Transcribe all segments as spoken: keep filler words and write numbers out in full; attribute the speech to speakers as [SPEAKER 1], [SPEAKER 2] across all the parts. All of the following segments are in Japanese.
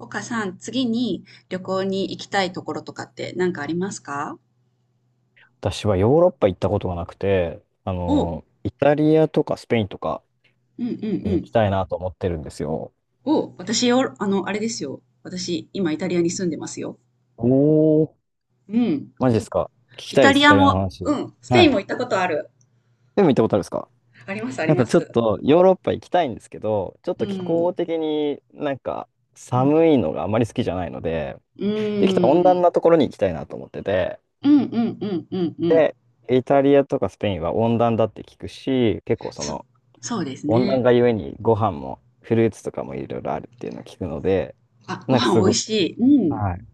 [SPEAKER 1] 岡さん、次に旅行に行きたいところとかって何かありますか？
[SPEAKER 2] 私はヨーロッパ行ったことがなくて、あ
[SPEAKER 1] お、う
[SPEAKER 2] の、イタリアとかスペインとか
[SPEAKER 1] んうんう
[SPEAKER 2] に行
[SPEAKER 1] ん。
[SPEAKER 2] きたいなと思ってるんですよ。
[SPEAKER 1] お、私よ、あの、あれですよ。私、今イタリアに住んでますよ。
[SPEAKER 2] おー、
[SPEAKER 1] うん。
[SPEAKER 2] マジですか？聞き
[SPEAKER 1] イ
[SPEAKER 2] たいで
[SPEAKER 1] タ
[SPEAKER 2] す、
[SPEAKER 1] リ
[SPEAKER 2] イ
[SPEAKER 1] ア
[SPEAKER 2] タリアの
[SPEAKER 1] も、
[SPEAKER 2] 話。
[SPEAKER 1] うん。ス
[SPEAKER 2] は
[SPEAKER 1] ペイン
[SPEAKER 2] い。
[SPEAKER 1] も行ったことある。
[SPEAKER 2] でも行ったことあるんですか？
[SPEAKER 1] あります、あり
[SPEAKER 2] やっ
[SPEAKER 1] ま
[SPEAKER 2] ぱちょっ
[SPEAKER 1] す。
[SPEAKER 2] とヨーロッパ行きたいんですけど、ちょっ
[SPEAKER 1] う
[SPEAKER 2] と気
[SPEAKER 1] ん。
[SPEAKER 2] 候的になんか
[SPEAKER 1] うん。
[SPEAKER 2] 寒いのがあまり好きじゃないので、
[SPEAKER 1] う
[SPEAKER 2] できたら温暖
[SPEAKER 1] ん。
[SPEAKER 2] なところに行きたいなと思ってて、
[SPEAKER 1] うん、うん、うん、うん、うん。
[SPEAKER 2] で、イタリアとかスペインは温暖だって聞くし、結構そ
[SPEAKER 1] そ、
[SPEAKER 2] の
[SPEAKER 1] そうです
[SPEAKER 2] 温暖
[SPEAKER 1] ね。
[SPEAKER 2] 化ゆえにご飯もフルーツとかもいろいろあるっていうのを聞くので、
[SPEAKER 1] あ、ご
[SPEAKER 2] なんか
[SPEAKER 1] 飯
[SPEAKER 2] す
[SPEAKER 1] 美味
[SPEAKER 2] ごく、
[SPEAKER 1] しい。うん。
[SPEAKER 2] はい、行っ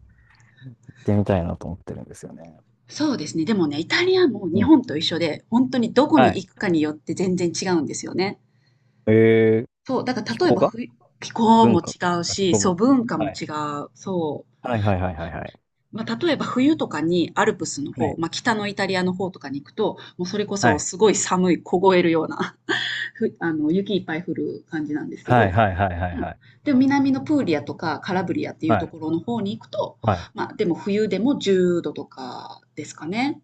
[SPEAKER 2] てみたいなと思ってるんですよね。
[SPEAKER 1] そうですね。でもね、イタリアも
[SPEAKER 2] う
[SPEAKER 1] 日
[SPEAKER 2] ん。
[SPEAKER 1] 本と一緒で、本当にどこ
[SPEAKER 2] は
[SPEAKER 1] に行
[SPEAKER 2] い。
[SPEAKER 1] くかによって全然違うんですよね。
[SPEAKER 2] えー、
[SPEAKER 1] そう、だから
[SPEAKER 2] 気
[SPEAKER 1] 例え
[SPEAKER 2] 候
[SPEAKER 1] ば
[SPEAKER 2] が
[SPEAKER 1] ふ気候も
[SPEAKER 2] 文化、
[SPEAKER 1] 違う
[SPEAKER 2] あ気
[SPEAKER 1] し、
[SPEAKER 2] 候
[SPEAKER 1] そう、
[SPEAKER 2] も。
[SPEAKER 1] 文化も
[SPEAKER 2] はい。
[SPEAKER 1] 違う。そう。
[SPEAKER 2] はいはいはいはいはい。
[SPEAKER 1] まあ、例えば冬とかにアルプスの
[SPEAKER 2] は
[SPEAKER 1] 方、
[SPEAKER 2] い。
[SPEAKER 1] まあ、北のイタリアの方とかに行くと、もうそれこ
[SPEAKER 2] は
[SPEAKER 1] そ
[SPEAKER 2] い。
[SPEAKER 1] すごい寒い、凍えるような、ふ、あの、雪いっぱい降る感じなんですけ
[SPEAKER 2] はい
[SPEAKER 1] ど、
[SPEAKER 2] はいはいはい
[SPEAKER 1] うん。
[SPEAKER 2] はい。
[SPEAKER 1] でも南のプーリアとかカラブリアっていう
[SPEAKER 2] は
[SPEAKER 1] と
[SPEAKER 2] い。
[SPEAKER 1] ころの方に行くと、
[SPEAKER 2] はい。
[SPEAKER 1] まあ、でも冬でもじゅうどとかですかね。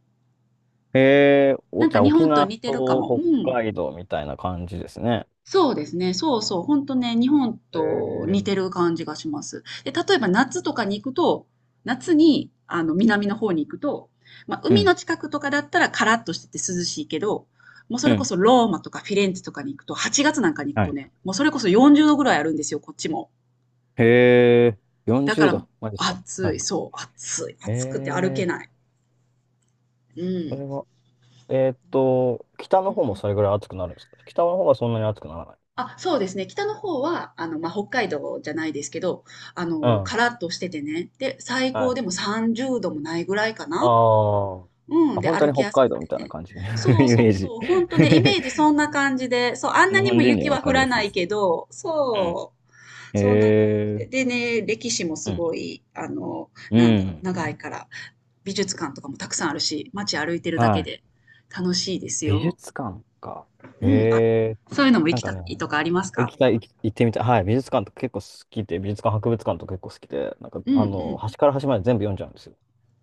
[SPEAKER 2] えー、お、
[SPEAKER 1] なん
[SPEAKER 2] じ
[SPEAKER 1] か
[SPEAKER 2] ゃあ
[SPEAKER 1] 日
[SPEAKER 2] 沖
[SPEAKER 1] 本と
[SPEAKER 2] 縄
[SPEAKER 1] 似てるか
[SPEAKER 2] と
[SPEAKER 1] も。う
[SPEAKER 2] 北
[SPEAKER 1] ん。
[SPEAKER 2] 海道みたいな感じですね。
[SPEAKER 1] そうですね。そうそう。ほんとね、日本
[SPEAKER 2] え
[SPEAKER 1] と似
[SPEAKER 2] ー、
[SPEAKER 1] てる感じがします。で、例えば夏とかに行くと、夏に、あの、南の方に行くと、まあ、
[SPEAKER 2] う
[SPEAKER 1] 海の
[SPEAKER 2] ん。
[SPEAKER 1] 近くとかだったらカラッとしてて涼しいけど、もうそ
[SPEAKER 2] う
[SPEAKER 1] れこ
[SPEAKER 2] ん。
[SPEAKER 1] そローマとかフィレンツェとかに行くと、はちがつなんかに行く
[SPEAKER 2] は
[SPEAKER 1] と
[SPEAKER 2] い。
[SPEAKER 1] ね、もうそれこそよんじゅうどぐらいあるんですよ、こっちも。
[SPEAKER 2] へえ、
[SPEAKER 1] だ
[SPEAKER 2] 40
[SPEAKER 1] から、
[SPEAKER 2] 度。マジか。は
[SPEAKER 1] 暑い、
[SPEAKER 2] い。
[SPEAKER 1] そう、暑い、
[SPEAKER 2] え
[SPEAKER 1] 暑くて歩け
[SPEAKER 2] ー、
[SPEAKER 1] ない。
[SPEAKER 2] それは、えーっと、北
[SPEAKER 1] う
[SPEAKER 2] の方も
[SPEAKER 1] ん。
[SPEAKER 2] それぐらい暑くなるんですか？北の方はそんなに暑くならない。
[SPEAKER 1] あ、そうですね。北の方は、あの、まあ、北海道じゃないですけど、あ
[SPEAKER 2] う
[SPEAKER 1] の、
[SPEAKER 2] ん。
[SPEAKER 1] カラッとしててね。で、最
[SPEAKER 2] は
[SPEAKER 1] 高でも
[SPEAKER 2] い。
[SPEAKER 1] さんじゅうどもないぐらいか
[SPEAKER 2] あ
[SPEAKER 1] な。
[SPEAKER 2] ーあ。
[SPEAKER 1] うん。
[SPEAKER 2] あ
[SPEAKER 1] で、
[SPEAKER 2] 本当
[SPEAKER 1] 歩
[SPEAKER 2] に
[SPEAKER 1] き
[SPEAKER 2] 北
[SPEAKER 1] やす
[SPEAKER 2] 海
[SPEAKER 1] く
[SPEAKER 2] 道み
[SPEAKER 1] て
[SPEAKER 2] たいな
[SPEAKER 1] ね。
[SPEAKER 2] 感じ。イメ
[SPEAKER 1] そうそ
[SPEAKER 2] ー
[SPEAKER 1] う
[SPEAKER 2] ジ。
[SPEAKER 1] そう。ほんとね、イメージ そんな感じで。そう、あんな
[SPEAKER 2] 日
[SPEAKER 1] に
[SPEAKER 2] 本
[SPEAKER 1] も
[SPEAKER 2] 人に
[SPEAKER 1] 雪
[SPEAKER 2] はわ
[SPEAKER 1] は
[SPEAKER 2] か
[SPEAKER 1] 降
[SPEAKER 2] り
[SPEAKER 1] ら
[SPEAKER 2] やす
[SPEAKER 1] な
[SPEAKER 2] いで
[SPEAKER 1] い
[SPEAKER 2] すね。
[SPEAKER 1] けど、そう。
[SPEAKER 2] うん。へ
[SPEAKER 1] そんな感じ
[SPEAKER 2] え。
[SPEAKER 1] で。でね、歴史もす
[SPEAKER 2] うん。
[SPEAKER 1] ごい、あの、
[SPEAKER 2] う
[SPEAKER 1] なんだろう、
[SPEAKER 2] ん。
[SPEAKER 1] 長いから。美術館とかもたくさんあるし、街歩いてるだ
[SPEAKER 2] は
[SPEAKER 1] け
[SPEAKER 2] い。
[SPEAKER 1] で楽しいです
[SPEAKER 2] 美
[SPEAKER 1] よ。
[SPEAKER 2] 術館か。
[SPEAKER 1] う
[SPEAKER 2] へ
[SPEAKER 1] ん。あ、
[SPEAKER 2] え。
[SPEAKER 1] そういうのも
[SPEAKER 2] な
[SPEAKER 1] 行
[SPEAKER 2] ん
[SPEAKER 1] き
[SPEAKER 2] か
[SPEAKER 1] た
[SPEAKER 2] ね、
[SPEAKER 1] いとかあります
[SPEAKER 2] 行
[SPEAKER 1] か？
[SPEAKER 2] きたい、行き行ってみたい。はい。美術館とか結構好きで、美術館、博物館とか結構好きで、なんか、
[SPEAKER 1] うんう
[SPEAKER 2] あの、
[SPEAKER 1] ん。
[SPEAKER 2] 端から端まで全部読んじゃうんですよ。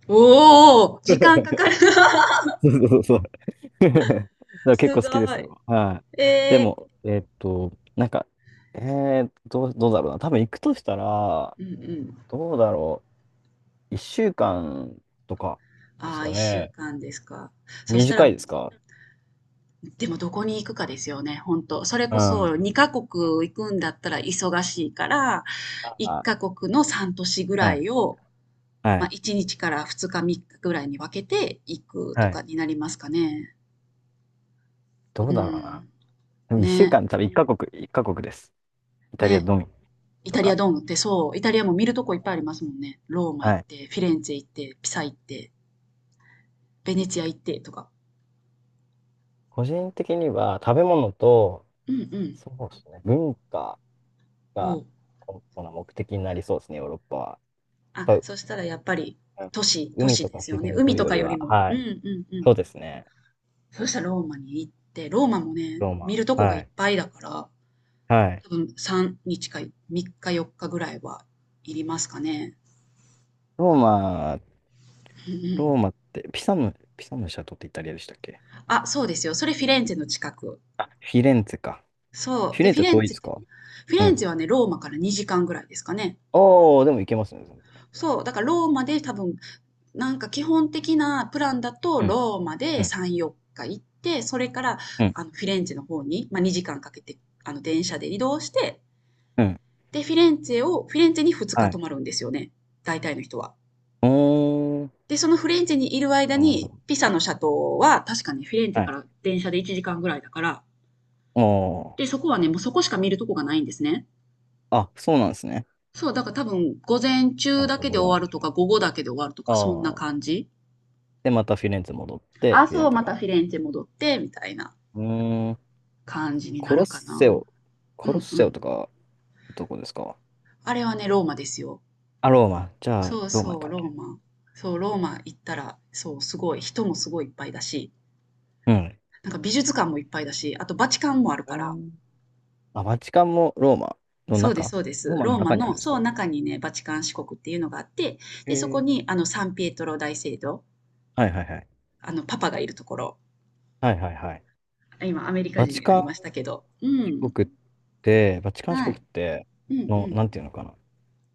[SPEAKER 1] おお、時間かかる な。
[SPEAKER 2] そうそうそうそう。だか ら結
[SPEAKER 1] す
[SPEAKER 2] 構
[SPEAKER 1] ご
[SPEAKER 2] 好きです
[SPEAKER 1] い。
[SPEAKER 2] よ。はい。で
[SPEAKER 1] え
[SPEAKER 2] も、えーっと、なんか、えー、どう、どうだろうな。多分行くとしたら、
[SPEAKER 1] ー、うんうん。
[SPEAKER 2] どうだろう。いっしゅうかんとかです
[SPEAKER 1] ああ、
[SPEAKER 2] か
[SPEAKER 1] 1週
[SPEAKER 2] ね。
[SPEAKER 1] 間ですか。そしたら
[SPEAKER 2] 短
[SPEAKER 1] も
[SPEAKER 2] い
[SPEAKER 1] う、
[SPEAKER 2] ですか？
[SPEAKER 1] でもどこに行くかですよね、本当それ
[SPEAKER 2] う
[SPEAKER 1] こそ
[SPEAKER 2] ん。
[SPEAKER 1] にカ国行くんだったら忙しいから、
[SPEAKER 2] あ、
[SPEAKER 1] いち
[SPEAKER 2] は
[SPEAKER 1] カ国のさん都市ぐらい
[SPEAKER 2] い。
[SPEAKER 1] を、
[SPEAKER 2] は
[SPEAKER 1] まあ、
[SPEAKER 2] い。
[SPEAKER 1] いちにちからふつか、みっかぐらいに分けて行くと
[SPEAKER 2] はい。
[SPEAKER 1] かになりますかね。
[SPEAKER 2] ど
[SPEAKER 1] う
[SPEAKER 2] うだろうな。
[SPEAKER 1] ん。
[SPEAKER 2] でも1週
[SPEAKER 1] ね、
[SPEAKER 2] 間、多分いっカ国、一カ国です。イタリア
[SPEAKER 1] ね。
[SPEAKER 2] のみ
[SPEAKER 1] イ
[SPEAKER 2] と
[SPEAKER 1] タリア
[SPEAKER 2] か。
[SPEAKER 1] ドームってそう、イタリアも見るとこいっぱいありますもんね。ローマ行
[SPEAKER 2] は
[SPEAKER 1] っ
[SPEAKER 2] い。
[SPEAKER 1] て、フィレンツェ行って、ピサ行って、ベネチア行ってとか。
[SPEAKER 2] 個人的には食べ物と、
[SPEAKER 1] うんうん。
[SPEAKER 2] そうですね、文化
[SPEAKER 1] お
[SPEAKER 2] が
[SPEAKER 1] う。
[SPEAKER 2] 主な目的になりそうですね、ヨーロッパは。
[SPEAKER 1] あ、
[SPEAKER 2] やっぱ
[SPEAKER 1] そしたらやっぱり
[SPEAKER 2] うん
[SPEAKER 1] 都市、都
[SPEAKER 2] 海
[SPEAKER 1] 市
[SPEAKER 2] と
[SPEAKER 1] で
[SPEAKER 2] か
[SPEAKER 1] すよ
[SPEAKER 2] 自
[SPEAKER 1] ね。
[SPEAKER 2] 然と
[SPEAKER 1] 海
[SPEAKER 2] いう
[SPEAKER 1] と
[SPEAKER 2] よ
[SPEAKER 1] か
[SPEAKER 2] り
[SPEAKER 1] より
[SPEAKER 2] は、
[SPEAKER 1] も。う
[SPEAKER 2] は
[SPEAKER 1] ん
[SPEAKER 2] い。
[SPEAKER 1] うんうん。
[SPEAKER 2] そうですね。
[SPEAKER 1] そしたらローマに行って、ローマもね、
[SPEAKER 2] ロー
[SPEAKER 1] 見
[SPEAKER 2] マ。
[SPEAKER 1] るとこがい
[SPEAKER 2] は
[SPEAKER 1] っ
[SPEAKER 2] い。
[SPEAKER 1] ぱいだから、
[SPEAKER 2] はい。
[SPEAKER 1] 多分みっかかみっかよっかぐらいはいりますかね。
[SPEAKER 2] ローマ、
[SPEAKER 1] うんう
[SPEAKER 2] ロ
[SPEAKER 1] ん。
[SPEAKER 2] ーマって、ピサム、ピサムのシャトってイタリアでしたっけ？
[SPEAKER 1] あ、そうですよ。それフィレンツェの近く。
[SPEAKER 2] あ、フィレンツェか。
[SPEAKER 1] そ
[SPEAKER 2] フ
[SPEAKER 1] う。
[SPEAKER 2] ィ
[SPEAKER 1] で、
[SPEAKER 2] レン
[SPEAKER 1] フィ
[SPEAKER 2] ツェ
[SPEAKER 1] レン
[SPEAKER 2] 遠いで
[SPEAKER 1] ツェ、
[SPEAKER 2] すか？
[SPEAKER 1] フィ
[SPEAKER 2] う
[SPEAKER 1] レン
[SPEAKER 2] ん。
[SPEAKER 1] ツェはね、ローマからにじかんぐらいですかね。
[SPEAKER 2] おー、でも行けますね。
[SPEAKER 1] そう。だからローマで多分なんか基本的なプランだと、
[SPEAKER 2] うん、
[SPEAKER 1] ローマ
[SPEAKER 2] う
[SPEAKER 1] で
[SPEAKER 2] ん、
[SPEAKER 1] さん、よっか行って、それから
[SPEAKER 2] うん、
[SPEAKER 1] あのフィレンツェの方に、まあ、にじかんかけてあの電車で移動して、
[SPEAKER 2] うん。
[SPEAKER 1] で、フィレンツェを、フィレンツェにふつか
[SPEAKER 2] は
[SPEAKER 1] 泊
[SPEAKER 2] い。
[SPEAKER 1] まるんですよね。大体の人は。
[SPEAKER 2] おー。
[SPEAKER 1] で、そのフィレンツェにいる間
[SPEAKER 2] なるほ
[SPEAKER 1] に、
[SPEAKER 2] ど。
[SPEAKER 1] ピサの斜塔は確かにフィレンツェ
[SPEAKER 2] は
[SPEAKER 1] か
[SPEAKER 2] い。
[SPEAKER 1] ら電車でいちじかんぐらいだから、
[SPEAKER 2] お
[SPEAKER 1] で、そ
[SPEAKER 2] ー。
[SPEAKER 1] こはね、もうそこしか見るとこがないんですね。
[SPEAKER 2] あ、そうなんですね。
[SPEAKER 1] そう、だから多分、午
[SPEAKER 2] うん。じ
[SPEAKER 1] 前
[SPEAKER 2] ゃあ
[SPEAKER 1] 中
[SPEAKER 2] ま
[SPEAKER 1] だ
[SPEAKER 2] た
[SPEAKER 1] けで
[SPEAKER 2] 戻らな
[SPEAKER 1] 終わるとか、
[SPEAKER 2] い。
[SPEAKER 1] 午後だけで終わると
[SPEAKER 2] あ
[SPEAKER 1] か、そんな感
[SPEAKER 2] あ。
[SPEAKER 1] じ。
[SPEAKER 2] で、またフィレンツェ戻って、フィレン
[SPEAKER 1] 朝
[SPEAKER 2] ツ
[SPEAKER 1] ま
[SPEAKER 2] ェ
[SPEAKER 1] た
[SPEAKER 2] が。
[SPEAKER 1] フィレンツェ戻って、みたいな。
[SPEAKER 2] うーん。
[SPEAKER 1] 感じにな
[SPEAKER 2] コロッ
[SPEAKER 1] るかな。
[SPEAKER 2] セオ。
[SPEAKER 1] う
[SPEAKER 2] コロッ
[SPEAKER 1] んう
[SPEAKER 2] セオ
[SPEAKER 1] ん。
[SPEAKER 2] とか、どこですか？
[SPEAKER 1] あれはね、ローマですよ。
[SPEAKER 2] あ、ローマ。じゃあ、
[SPEAKER 1] そう
[SPEAKER 2] ローマ
[SPEAKER 1] そう、
[SPEAKER 2] か。
[SPEAKER 1] ローマ。そう、ローマ行ったら、そう、すごい、人もすごいいっぱいだし、
[SPEAKER 2] うん。
[SPEAKER 1] なんか美術館もいっぱいだし、あとバチカンもある
[SPEAKER 2] う
[SPEAKER 1] から、
[SPEAKER 2] ん。あ、バチカンもローマの
[SPEAKER 1] そうです、
[SPEAKER 2] 中？
[SPEAKER 1] そうで
[SPEAKER 2] ロー
[SPEAKER 1] す。
[SPEAKER 2] マの
[SPEAKER 1] ローマ
[SPEAKER 2] 中にあるん
[SPEAKER 1] の、
[SPEAKER 2] です
[SPEAKER 1] そう、
[SPEAKER 2] か？
[SPEAKER 1] 中にね、バチカン市国っていうのがあって、
[SPEAKER 2] へ
[SPEAKER 1] で、そこ
[SPEAKER 2] え。
[SPEAKER 1] に、あの、サンピエトロ大聖堂、
[SPEAKER 2] はいはいはい。
[SPEAKER 1] あの、パパがいるところ、
[SPEAKER 2] はいはいはい。
[SPEAKER 1] 今、アメリカ
[SPEAKER 2] バ
[SPEAKER 1] 人
[SPEAKER 2] チ
[SPEAKER 1] にな
[SPEAKER 2] カン
[SPEAKER 1] りましたけど、う
[SPEAKER 2] 市
[SPEAKER 1] ん、
[SPEAKER 2] 国って、バチカン市
[SPEAKER 1] は
[SPEAKER 2] 国
[SPEAKER 1] い、
[SPEAKER 2] って、
[SPEAKER 1] うん、う
[SPEAKER 2] の、
[SPEAKER 1] ん。
[SPEAKER 2] なんていうのかな。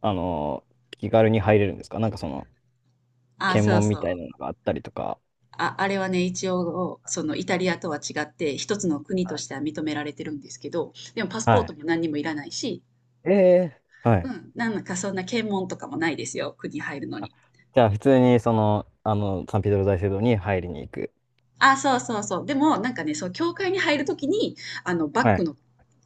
[SPEAKER 2] あのー、気軽に入れるんですか？なんかその、
[SPEAKER 1] あ、
[SPEAKER 2] 検
[SPEAKER 1] そう
[SPEAKER 2] 問みたい
[SPEAKER 1] そう。
[SPEAKER 2] なのがあったりとか。
[SPEAKER 1] あ、あれはね、一応、そのイタリアとは違って、一つの国としては認められてるんですけど、でもパス
[SPEAKER 2] は
[SPEAKER 1] ポート
[SPEAKER 2] い。
[SPEAKER 1] も何にもいらないし、
[SPEAKER 2] ええは
[SPEAKER 1] う
[SPEAKER 2] い。
[SPEAKER 1] ん、なんかそんな検問とかもないですよ、国入るの
[SPEAKER 2] あ、
[SPEAKER 1] に。
[SPEAKER 2] じゃあ、普通にその、あの、サンピドロ大聖堂に入りに行く。
[SPEAKER 1] あ、そうそうそう。でも、なんかね、そう、教会に入るときに、あの、バッ
[SPEAKER 2] は
[SPEAKER 1] グ
[SPEAKER 2] い。
[SPEAKER 1] の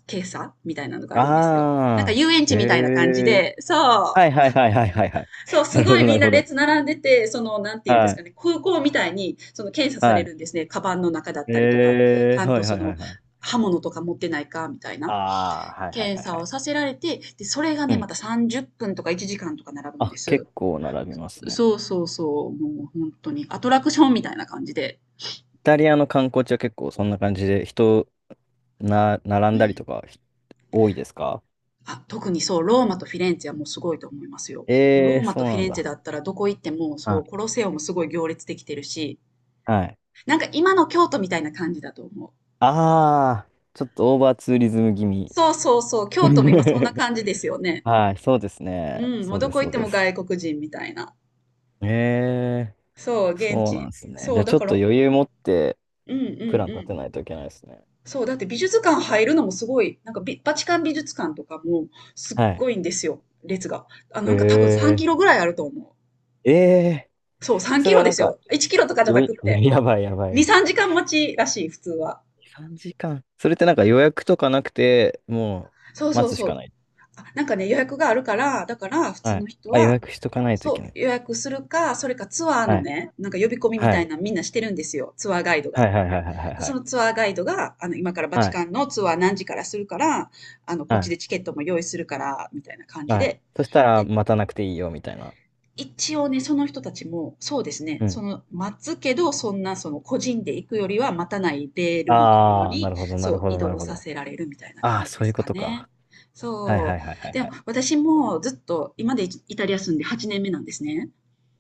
[SPEAKER 1] 検査みたいなのがあるんですよ。なんか
[SPEAKER 2] ああ、
[SPEAKER 1] 遊園
[SPEAKER 2] へ
[SPEAKER 1] 地みたいな感じ
[SPEAKER 2] え。
[SPEAKER 1] で、そ
[SPEAKER 2] はい
[SPEAKER 1] う、
[SPEAKER 2] はいはいはいはいはい。
[SPEAKER 1] そう、
[SPEAKER 2] な
[SPEAKER 1] す
[SPEAKER 2] る
[SPEAKER 1] ご
[SPEAKER 2] ほ
[SPEAKER 1] い
[SPEAKER 2] どな
[SPEAKER 1] み
[SPEAKER 2] る
[SPEAKER 1] んな
[SPEAKER 2] ほど。
[SPEAKER 1] 列並んでて、その、なんていうんで
[SPEAKER 2] は
[SPEAKER 1] すか
[SPEAKER 2] い。
[SPEAKER 1] ね、空港みたいに、その検査され
[SPEAKER 2] はい。
[SPEAKER 1] るんですね。カバンの中だったりとか、ち
[SPEAKER 2] え
[SPEAKER 1] ゃ
[SPEAKER 2] ー、
[SPEAKER 1] ん
[SPEAKER 2] は
[SPEAKER 1] と
[SPEAKER 2] い
[SPEAKER 1] そ
[SPEAKER 2] はいは
[SPEAKER 1] の、
[SPEAKER 2] いはい。
[SPEAKER 1] 刃物とか持ってないか、みたいな。
[SPEAKER 2] ああ、はいはい
[SPEAKER 1] 検
[SPEAKER 2] はい
[SPEAKER 1] 査
[SPEAKER 2] は
[SPEAKER 1] を
[SPEAKER 2] い。
[SPEAKER 1] させられて、で、それが
[SPEAKER 2] う
[SPEAKER 1] ね、ま
[SPEAKER 2] ん。
[SPEAKER 1] たさんじゅっぷんとかいちじかんとか並ぶんで
[SPEAKER 2] あ、
[SPEAKER 1] す。
[SPEAKER 2] 結構並びますね。
[SPEAKER 1] そうそうそう、もう本当にアトラクションみたいな感じで。
[SPEAKER 2] イタリアの観光地は結構そんな感じで人な、並
[SPEAKER 1] う
[SPEAKER 2] んだり
[SPEAKER 1] ん。
[SPEAKER 2] とかひ多いですか？
[SPEAKER 1] あ、特にそう、ローマとフィレンツェはもうすごいと思いますよ。もう
[SPEAKER 2] え
[SPEAKER 1] ロ
[SPEAKER 2] え
[SPEAKER 1] ー
[SPEAKER 2] ー、
[SPEAKER 1] マ
[SPEAKER 2] そ
[SPEAKER 1] と
[SPEAKER 2] う
[SPEAKER 1] フィ
[SPEAKER 2] なん
[SPEAKER 1] レンツェ
[SPEAKER 2] だ。
[SPEAKER 1] だったらどこ行っても、そ
[SPEAKER 2] あ
[SPEAKER 1] う、コロセオもすごい行列できてるし、
[SPEAKER 2] はい。
[SPEAKER 1] なんか今の京都みたいな感じだと思う。
[SPEAKER 2] ああ、ちょっとオーバーツーリズム気味。
[SPEAKER 1] そうそうそう、京都も今そんな 感じですよね。
[SPEAKER 2] はい、そうですね。
[SPEAKER 1] うん、もう
[SPEAKER 2] そう
[SPEAKER 1] ど
[SPEAKER 2] です、
[SPEAKER 1] こ行っ
[SPEAKER 2] そう
[SPEAKER 1] て
[SPEAKER 2] で
[SPEAKER 1] も
[SPEAKER 2] す。
[SPEAKER 1] 外国人みたいな。
[SPEAKER 2] ええ
[SPEAKER 1] そう、
[SPEAKER 2] ー、
[SPEAKER 1] 現
[SPEAKER 2] そうなんで
[SPEAKER 1] 地。
[SPEAKER 2] すね。じゃ
[SPEAKER 1] そう、
[SPEAKER 2] あち
[SPEAKER 1] だ
[SPEAKER 2] ょっ
[SPEAKER 1] か
[SPEAKER 2] と
[SPEAKER 1] ら、
[SPEAKER 2] 余裕持って
[SPEAKER 1] うんう
[SPEAKER 2] プラ
[SPEAKER 1] ん
[SPEAKER 2] ン
[SPEAKER 1] う
[SPEAKER 2] 立て
[SPEAKER 1] ん。
[SPEAKER 2] ないといけないですね。
[SPEAKER 1] そう、だって美術館入るのもすごい、なんかビバチカン美術館とかもすっ
[SPEAKER 2] はい。
[SPEAKER 1] ごいんですよ、列が。あ、なんか多分さんキロ
[SPEAKER 2] え
[SPEAKER 1] ぐらいあると思
[SPEAKER 2] ー、ええ、
[SPEAKER 1] う。そう、3
[SPEAKER 2] そ
[SPEAKER 1] キ
[SPEAKER 2] れ
[SPEAKER 1] ロ
[SPEAKER 2] はな
[SPEAKER 1] で
[SPEAKER 2] ん
[SPEAKER 1] す
[SPEAKER 2] か、
[SPEAKER 1] よ。いちキロとかじゃ
[SPEAKER 2] よ
[SPEAKER 1] な
[SPEAKER 2] い、
[SPEAKER 1] くっ て。
[SPEAKER 2] やばいやば
[SPEAKER 1] に、
[SPEAKER 2] い。
[SPEAKER 1] さんじかん待ちらしい、普通は。
[SPEAKER 2] さんじかん。それってなんか予約とかなくて、も
[SPEAKER 1] そう
[SPEAKER 2] う
[SPEAKER 1] そ
[SPEAKER 2] 待
[SPEAKER 1] う
[SPEAKER 2] つし
[SPEAKER 1] そ
[SPEAKER 2] か
[SPEAKER 1] う。
[SPEAKER 2] ない。
[SPEAKER 1] あ、なんかね、予約があるか
[SPEAKER 2] はい。
[SPEAKER 1] ら、だから普通
[SPEAKER 2] は
[SPEAKER 1] の
[SPEAKER 2] い
[SPEAKER 1] 人
[SPEAKER 2] あ、予
[SPEAKER 1] は、
[SPEAKER 2] 約しとかないとい
[SPEAKER 1] そ
[SPEAKER 2] け
[SPEAKER 1] う、
[SPEAKER 2] ない。
[SPEAKER 1] 予約するか、それかツアー
[SPEAKER 2] は
[SPEAKER 1] の
[SPEAKER 2] い。
[SPEAKER 1] ね、なんか呼び込みみ
[SPEAKER 2] は
[SPEAKER 1] たい
[SPEAKER 2] い。
[SPEAKER 1] なのみんなしてるんですよ、ツアーガイド
[SPEAKER 2] は
[SPEAKER 1] が。
[SPEAKER 2] いはいはいはいはい
[SPEAKER 1] で、
[SPEAKER 2] は
[SPEAKER 1] そ
[SPEAKER 2] い。
[SPEAKER 1] のツアーガイドが、あの、今からバ
[SPEAKER 2] は
[SPEAKER 1] チ
[SPEAKER 2] い。
[SPEAKER 1] カンのツアー何時からするから、あの、こっちでチ
[SPEAKER 2] は
[SPEAKER 1] ケットも用意するから、みたいな感
[SPEAKER 2] い。
[SPEAKER 1] じ
[SPEAKER 2] はい
[SPEAKER 1] で。
[SPEAKER 2] そしたら
[SPEAKER 1] で、
[SPEAKER 2] 待たなくていいよみたいな。
[SPEAKER 1] 一応ね、その人たちも、そうですね、
[SPEAKER 2] う
[SPEAKER 1] そ
[SPEAKER 2] ん。
[SPEAKER 1] の、待つけど、そんな、その、個人で行くよりは待たないレールのところ
[SPEAKER 2] ああ、な
[SPEAKER 1] に、
[SPEAKER 2] るほどな
[SPEAKER 1] そ
[SPEAKER 2] る
[SPEAKER 1] う、
[SPEAKER 2] ほ
[SPEAKER 1] 移
[SPEAKER 2] どなる
[SPEAKER 1] 動
[SPEAKER 2] ほ
[SPEAKER 1] さ
[SPEAKER 2] ど。
[SPEAKER 1] せられるみたいな
[SPEAKER 2] ああ、
[SPEAKER 1] 感じで
[SPEAKER 2] そういう
[SPEAKER 1] す
[SPEAKER 2] こ
[SPEAKER 1] か
[SPEAKER 2] と
[SPEAKER 1] ね。
[SPEAKER 2] か。はい
[SPEAKER 1] そ
[SPEAKER 2] はいはいは
[SPEAKER 1] う。
[SPEAKER 2] い
[SPEAKER 1] で
[SPEAKER 2] は
[SPEAKER 1] も、
[SPEAKER 2] い。
[SPEAKER 1] 私もずっと、今までイタリア住んではちねんめなんですね。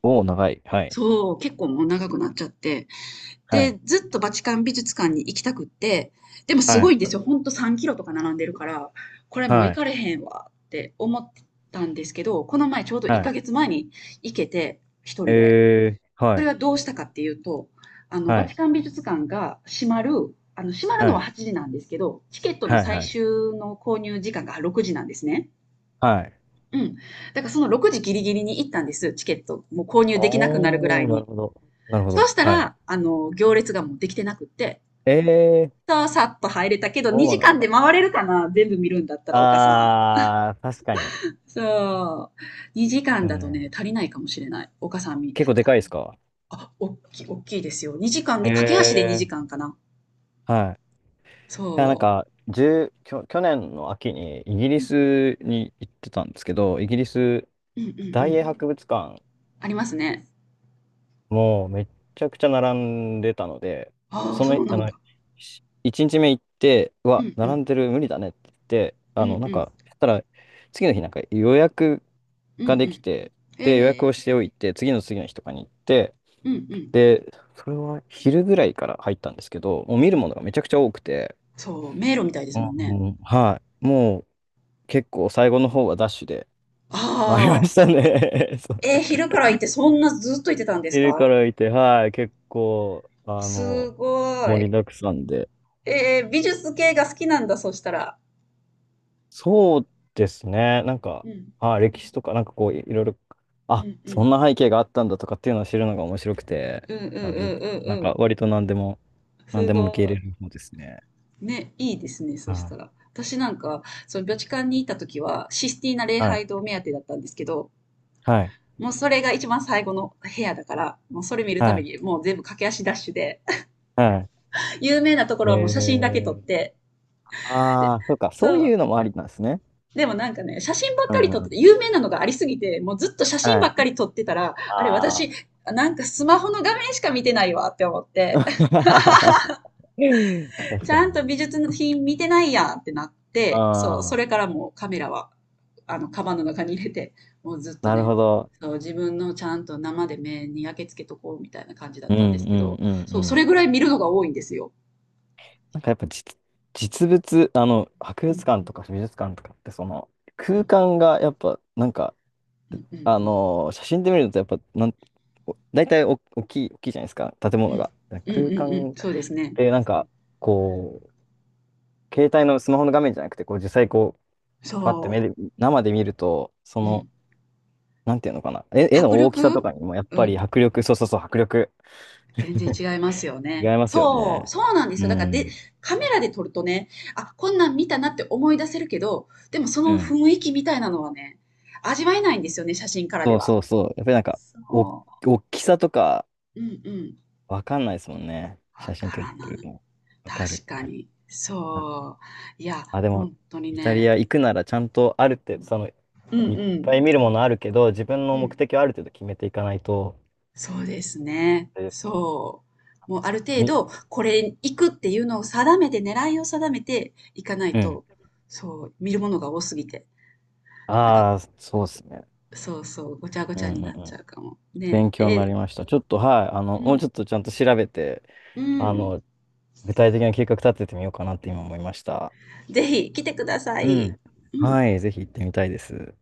[SPEAKER 2] おお、長い。はい。
[SPEAKER 1] そう、結構もう長くなっちゃって。
[SPEAKER 2] はい。
[SPEAKER 1] で、ずっとバチカン美術館に行きたくって、でもす
[SPEAKER 2] は
[SPEAKER 1] ご
[SPEAKER 2] い。
[SPEAKER 1] いんですよ。ほんとさんキロとか並んでるから、これもう
[SPEAKER 2] は
[SPEAKER 1] 行
[SPEAKER 2] い。
[SPEAKER 1] かれへんわって思ったんですけど、この前ちょうど1
[SPEAKER 2] はい。
[SPEAKER 1] ヶ月前に行けて、一人で。
[SPEAKER 2] えー、
[SPEAKER 1] そ
[SPEAKER 2] は
[SPEAKER 1] れ
[SPEAKER 2] い。
[SPEAKER 1] はどうしたかっていうと、あの、バ
[SPEAKER 2] は
[SPEAKER 1] チ
[SPEAKER 2] い。
[SPEAKER 1] カン美術館が閉まる、あの、閉まるの
[SPEAKER 2] は
[SPEAKER 1] は
[SPEAKER 2] い。
[SPEAKER 1] はちじなんですけど、チケットの
[SPEAKER 2] はい。
[SPEAKER 1] 最
[SPEAKER 2] はい。
[SPEAKER 1] 終の購入時間がろくじなんですね。
[SPEAKER 2] はい。
[SPEAKER 1] うん。だからそのろくじギリギリに行ったんです、チケット。もう購入できなくなるぐら
[SPEAKER 2] お
[SPEAKER 1] い
[SPEAKER 2] ー、なる
[SPEAKER 1] に。
[SPEAKER 2] ほど。なるほ
[SPEAKER 1] そう
[SPEAKER 2] ど。
[SPEAKER 1] した
[SPEAKER 2] はい。
[SPEAKER 1] ら、あの、行列がもうできてなくって、
[SPEAKER 2] ええ
[SPEAKER 1] そう、さっと入れたけど、
[SPEAKER 2] そ
[SPEAKER 1] 2
[SPEAKER 2] うな
[SPEAKER 1] 時
[SPEAKER 2] ん
[SPEAKER 1] 間で
[SPEAKER 2] だ。
[SPEAKER 1] 回れるかな全部見るんだったら、岡さん。
[SPEAKER 2] あー、確かに。
[SPEAKER 1] そう。にじかん
[SPEAKER 2] でも
[SPEAKER 1] だと
[SPEAKER 2] ね、
[SPEAKER 1] ね、足りないかもしれない。岡さん見、
[SPEAKER 2] 結構でかいですか？
[SPEAKER 1] あ、おっきい、おっきいですよ。にじかん
[SPEAKER 2] へ
[SPEAKER 1] で、駆け足で
[SPEAKER 2] え。
[SPEAKER 1] にじかんかな。
[SPEAKER 2] はい。い
[SPEAKER 1] そ
[SPEAKER 2] や、なんか、1きょ、去年の秋にイギリスに行ってたんですけど、イギリス
[SPEAKER 1] う。うんうんう
[SPEAKER 2] 大
[SPEAKER 1] ん。
[SPEAKER 2] 英博物館
[SPEAKER 1] ありますね。
[SPEAKER 2] もうめっちゃくちゃ並んでたので、
[SPEAKER 1] ああ、
[SPEAKER 2] そ
[SPEAKER 1] そ
[SPEAKER 2] の、
[SPEAKER 1] うな
[SPEAKER 2] あ
[SPEAKER 1] ん
[SPEAKER 2] の、
[SPEAKER 1] だ。
[SPEAKER 2] 一日目行って、う
[SPEAKER 1] う
[SPEAKER 2] わ、
[SPEAKER 1] んう
[SPEAKER 2] 並
[SPEAKER 1] ん。
[SPEAKER 2] んでる無理だねって言って、
[SPEAKER 1] う
[SPEAKER 2] あの、
[SPEAKER 1] ん
[SPEAKER 2] な
[SPEAKER 1] う
[SPEAKER 2] ん
[SPEAKER 1] ん。
[SPEAKER 2] か、そしたら、次の日なんか予約
[SPEAKER 1] うんう
[SPEAKER 2] ができ
[SPEAKER 1] ん。
[SPEAKER 2] て、で、予約
[SPEAKER 1] え
[SPEAKER 2] をし
[SPEAKER 1] え
[SPEAKER 2] ておいて、次の次の日とかに行って、
[SPEAKER 1] ーうんうん。
[SPEAKER 2] で、それは昼ぐらいから入ったんですけど、もう見
[SPEAKER 1] う
[SPEAKER 2] るものが
[SPEAKER 1] ん。
[SPEAKER 2] めちゃくちゃ多くて、
[SPEAKER 1] そう、迷路みたいで
[SPEAKER 2] う
[SPEAKER 1] すもんね。
[SPEAKER 2] んはい、もう結構最後の方はダッシュで
[SPEAKER 1] あ
[SPEAKER 2] 回りま
[SPEAKER 1] あ。
[SPEAKER 2] したね。
[SPEAKER 1] えー、昼から行ってそんなずっと行ってたんで
[SPEAKER 2] 見
[SPEAKER 1] す
[SPEAKER 2] るか
[SPEAKER 1] か？
[SPEAKER 2] らいて、はい、結構、あ
[SPEAKER 1] す
[SPEAKER 2] の、
[SPEAKER 1] ご
[SPEAKER 2] 盛
[SPEAKER 1] い。
[SPEAKER 2] りだくさんで。
[SPEAKER 1] えー、美術系が好きなんだ、そしたら。
[SPEAKER 2] そうですね、なん
[SPEAKER 1] う
[SPEAKER 2] か、
[SPEAKER 1] ん。
[SPEAKER 2] はい、歴史とか、なんかこう、いいろいろ、
[SPEAKER 1] う
[SPEAKER 2] あ、
[SPEAKER 1] んう
[SPEAKER 2] そ
[SPEAKER 1] ん。
[SPEAKER 2] んな背景があったんだとかっていうのを知るのが面白くて、
[SPEAKER 1] うんうんうんう
[SPEAKER 2] まあ、美術、なん
[SPEAKER 1] んう
[SPEAKER 2] か
[SPEAKER 1] ん。
[SPEAKER 2] 割と何でも、何
[SPEAKER 1] す
[SPEAKER 2] でも受け入
[SPEAKER 1] ご
[SPEAKER 2] れる方ですね。
[SPEAKER 1] い。ね、いいですね、
[SPEAKER 2] は
[SPEAKER 1] そした
[SPEAKER 2] い、
[SPEAKER 1] ら。私なんか、そのビョチカンにいた時は、システィーナ礼
[SPEAKER 2] はい、
[SPEAKER 1] 拝堂目当てだったんですけど、
[SPEAKER 2] はい、
[SPEAKER 1] もうそれが一番最後の部屋だから、もうそれ見るた
[SPEAKER 2] は
[SPEAKER 1] め
[SPEAKER 2] い、
[SPEAKER 1] にもう全部駆け足ダッシュで、
[SPEAKER 2] は
[SPEAKER 1] 有名なとこ
[SPEAKER 2] い。え
[SPEAKER 1] ろはもう写真だけ撮っ
[SPEAKER 2] ー、
[SPEAKER 1] て、で、
[SPEAKER 2] ああ、そうか、
[SPEAKER 1] そ
[SPEAKER 2] そうい
[SPEAKER 1] う。
[SPEAKER 2] うのもありなんですね。
[SPEAKER 1] でもなんかね、写真ばっ
[SPEAKER 2] う
[SPEAKER 1] かり
[SPEAKER 2] んう
[SPEAKER 1] 撮っ
[SPEAKER 2] んう
[SPEAKER 1] てて、
[SPEAKER 2] ん、
[SPEAKER 1] 有名なのがありすぎて、もうずっと写真
[SPEAKER 2] は
[SPEAKER 1] ば
[SPEAKER 2] い。
[SPEAKER 1] っかり撮ってたら、あれ
[SPEAKER 2] あ
[SPEAKER 1] 私、
[SPEAKER 2] あ。
[SPEAKER 1] なんかスマホの画面しか見てないわって思って、
[SPEAKER 2] 確
[SPEAKER 1] ち
[SPEAKER 2] か
[SPEAKER 1] ゃんと美
[SPEAKER 2] に。
[SPEAKER 1] 術の品見てないやんってなって、そう、そ
[SPEAKER 2] ああ、
[SPEAKER 1] れからもうカメラは、あの、カバンの中に入れて、もうずっと
[SPEAKER 2] なる
[SPEAKER 1] ね、
[SPEAKER 2] ほど。
[SPEAKER 1] そう、自分のちゃんと生で目に焼けつけとこうみたいな感じだっ
[SPEAKER 2] うん
[SPEAKER 1] たんです
[SPEAKER 2] う
[SPEAKER 1] け
[SPEAKER 2] ん
[SPEAKER 1] ど、
[SPEAKER 2] うん
[SPEAKER 1] そ
[SPEAKER 2] う
[SPEAKER 1] う、それ
[SPEAKER 2] ん。
[SPEAKER 1] ぐらい見るのが多いんですよ。
[SPEAKER 2] なんかやっぱ実、実物、あの、博
[SPEAKER 1] う
[SPEAKER 2] 物館
[SPEAKER 1] ん
[SPEAKER 2] とか美術館とかってその
[SPEAKER 1] う
[SPEAKER 2] 空
[SPEAKER 1] ん
[SPEAKER 2] 間がやっぱなんか、
[SPEAKER 1] うんうん
[SPEAKER 2] あ
[SPEAKER 1] うん
[SPEAKER 2] のー写真で見るとやっぱなん、お大体お大きい、大きいじゃないですか、建
[SPEAKER 1] う
[SPEAKER 2] 物
[SPEAKER 1] ん
[SPEAKER 2] が。
[SPEAKER 1] うんうんう
[SPEAKER 2] 空
[SPEAKER 1] んう
[SPEAKER 2] 間っ
[SPEAKER 1] んそうですね。
[SPEAKER 2] てなんか、こう、携帯のスマホの画面じゃなくて、こう実際こう、パッて目
[SPEAKER 1] そ
[SPEAKER 2] で、生で見ると、そ
[SPEAKER 1] う。う
[SPEAKER 2] の、
[SPEAKER 1] ん。
[SPEAKER 2] なんていうのかな、絵、絵の
[SPEAKER 1] 迫
[SPEAKER 2] 大きさと
[SPEAKER 1] 力
[SPEAKER 2] かにもやっ
[SPEAKER 1] う
[SPEAKER 2] ぱ
[SPEAKER 1] ん。
[SPEAKER 2] り迫力、そうそうそう、迫力
[SPEAKER 1] 全然違いますよ
[SPEAKER 2] 違い
[SPEAKER 1] ね。
[SPEAKER 2] ますよ
[SPEAKER 1] そう、
[SPEAKER 2] ね。
[SPEAKER 1] そうなんです
[SPEAKER 2] う
[SPEAKER 1] よ。だからで、
[SPEAKER 2] ん。
[SPEAKER 1] カメラで撮るとね、あ、こんなん見たなって思い出せるけど、でもそ
[SPEAKER 2] う
[SPEAKER 1] の
[SPEAKER 2] ん
[SPEAKER 1] 雰囲気みたいなのはね、味わえないんですよね、写真からで
[SPEAKER 2] そう
[SPEAKER 1] は。
[SPEAKER 2] そうそう。やっぱりなんか、お、
[SPEAKER 1] そう。
[SPEAKER 2] 大きさとか
[SPEAKER 1] う。んうん。
[SPEAKER 2] わかんないですもんね。
[SPEAKER 1] わ
[SPEAKER 2] 写真
[SPEAKER 1] か
[SPEAKER 2] 撮っ
[SPEAKER 1] ら
[SPEAKER 2] て
[SPEAKER 1] な
[SPEAKER 2] る
[SPEAKER 1] い。
[SPEAKER 2] と。わかる、
[SPEAKER 1] 確
[SPEAKER 2] わ
[SPEAKER 1] か
[SPEAKER 2] かる。
[SPEAKER 1] に。
[SPEAKER 2] うん
[SPEAKER 1] そう。いや、
[SPEAKER 2] あ、でも、
[SPEAKER 1] 本当に
[SPEAKER 2] イタリ
[SPEAKER 1] ね。
[SPEAKER 2] ア行くならちゃんとある
[SPEAKER 1] う
[SPEAKER 2] 程度、
[SPEAKER 1] ん。
[SPEAKER 2] その、
[SPEAKER 1] う
[SPEAKER 2] い
[SPEAKER 1] ん
[SPEAKER 2] っ
[SPEAKER 1] う
[SPEAKER 2] ぱい見
[SPEAKER 1] ん。
[SPEAKER 2] るものあるけど、自分
[SPEAKER 1] う
[SPEAKER 2] の目
[SPEAKER 1] ん。
[SPEAKER 2] 的をある程度決めていかないと、
[SPEAKER 1] そうですね。
[SPEAKER 2] あれですね。
[SPEAKER 1] そう。もうある程
[SPEAKER 2] み、
[SPEAKER 1] 度、これ行くっていうのを定めて、狙いを定めていかない
[SPEAKER 2] うん。
[SPEAKER 1] と、そう、見るものが多すぎて。なんか、
[SPEAKER 2] ああ、そうですね。
[SPEAKER 1] そうそう、ごちゃご
[SPEAKER 2] う
[SPEAKER 1] ち
[SPEAKER 2] ん
[SPEAKER 1] ゃ
[SPEAKER 2] う
[SPEAKER 1] に
[SPEAKER 2] んう
[SPEAKER 1] なっち
[SPEAKER 2] ん。
[SPEAKER 1] ゃうかも。ね
[SPEAKER 2] 勉強
[SPEAKER 1] え、
[SPEAKER 2] にな
[SPEAKER 1] え、
[SPEAKER 2] りました。ちょっと、はい。あ
[SPEAKER 1] う
[SPEAKER 2] の、もうちょ
[SPEAKER 1] ん、
[SPEAKER 2] っとちゃんと調べて、
[SPEAKER 1] う
[SPEAKER 2] あ
[SPEAKER 1] ん。
[SPEAKER 2] の、具体的な計画立ててみようかなって今思いました。
[SPEAKER 1] ぜひ来てくださ
[SPEAKER 2] う
[SPEAKER 1] い。
[SPEAKER 2] ん。
[SPEAKER 1] うん。
[SPEAKER 2] はい。ぜひ行ってみたいです。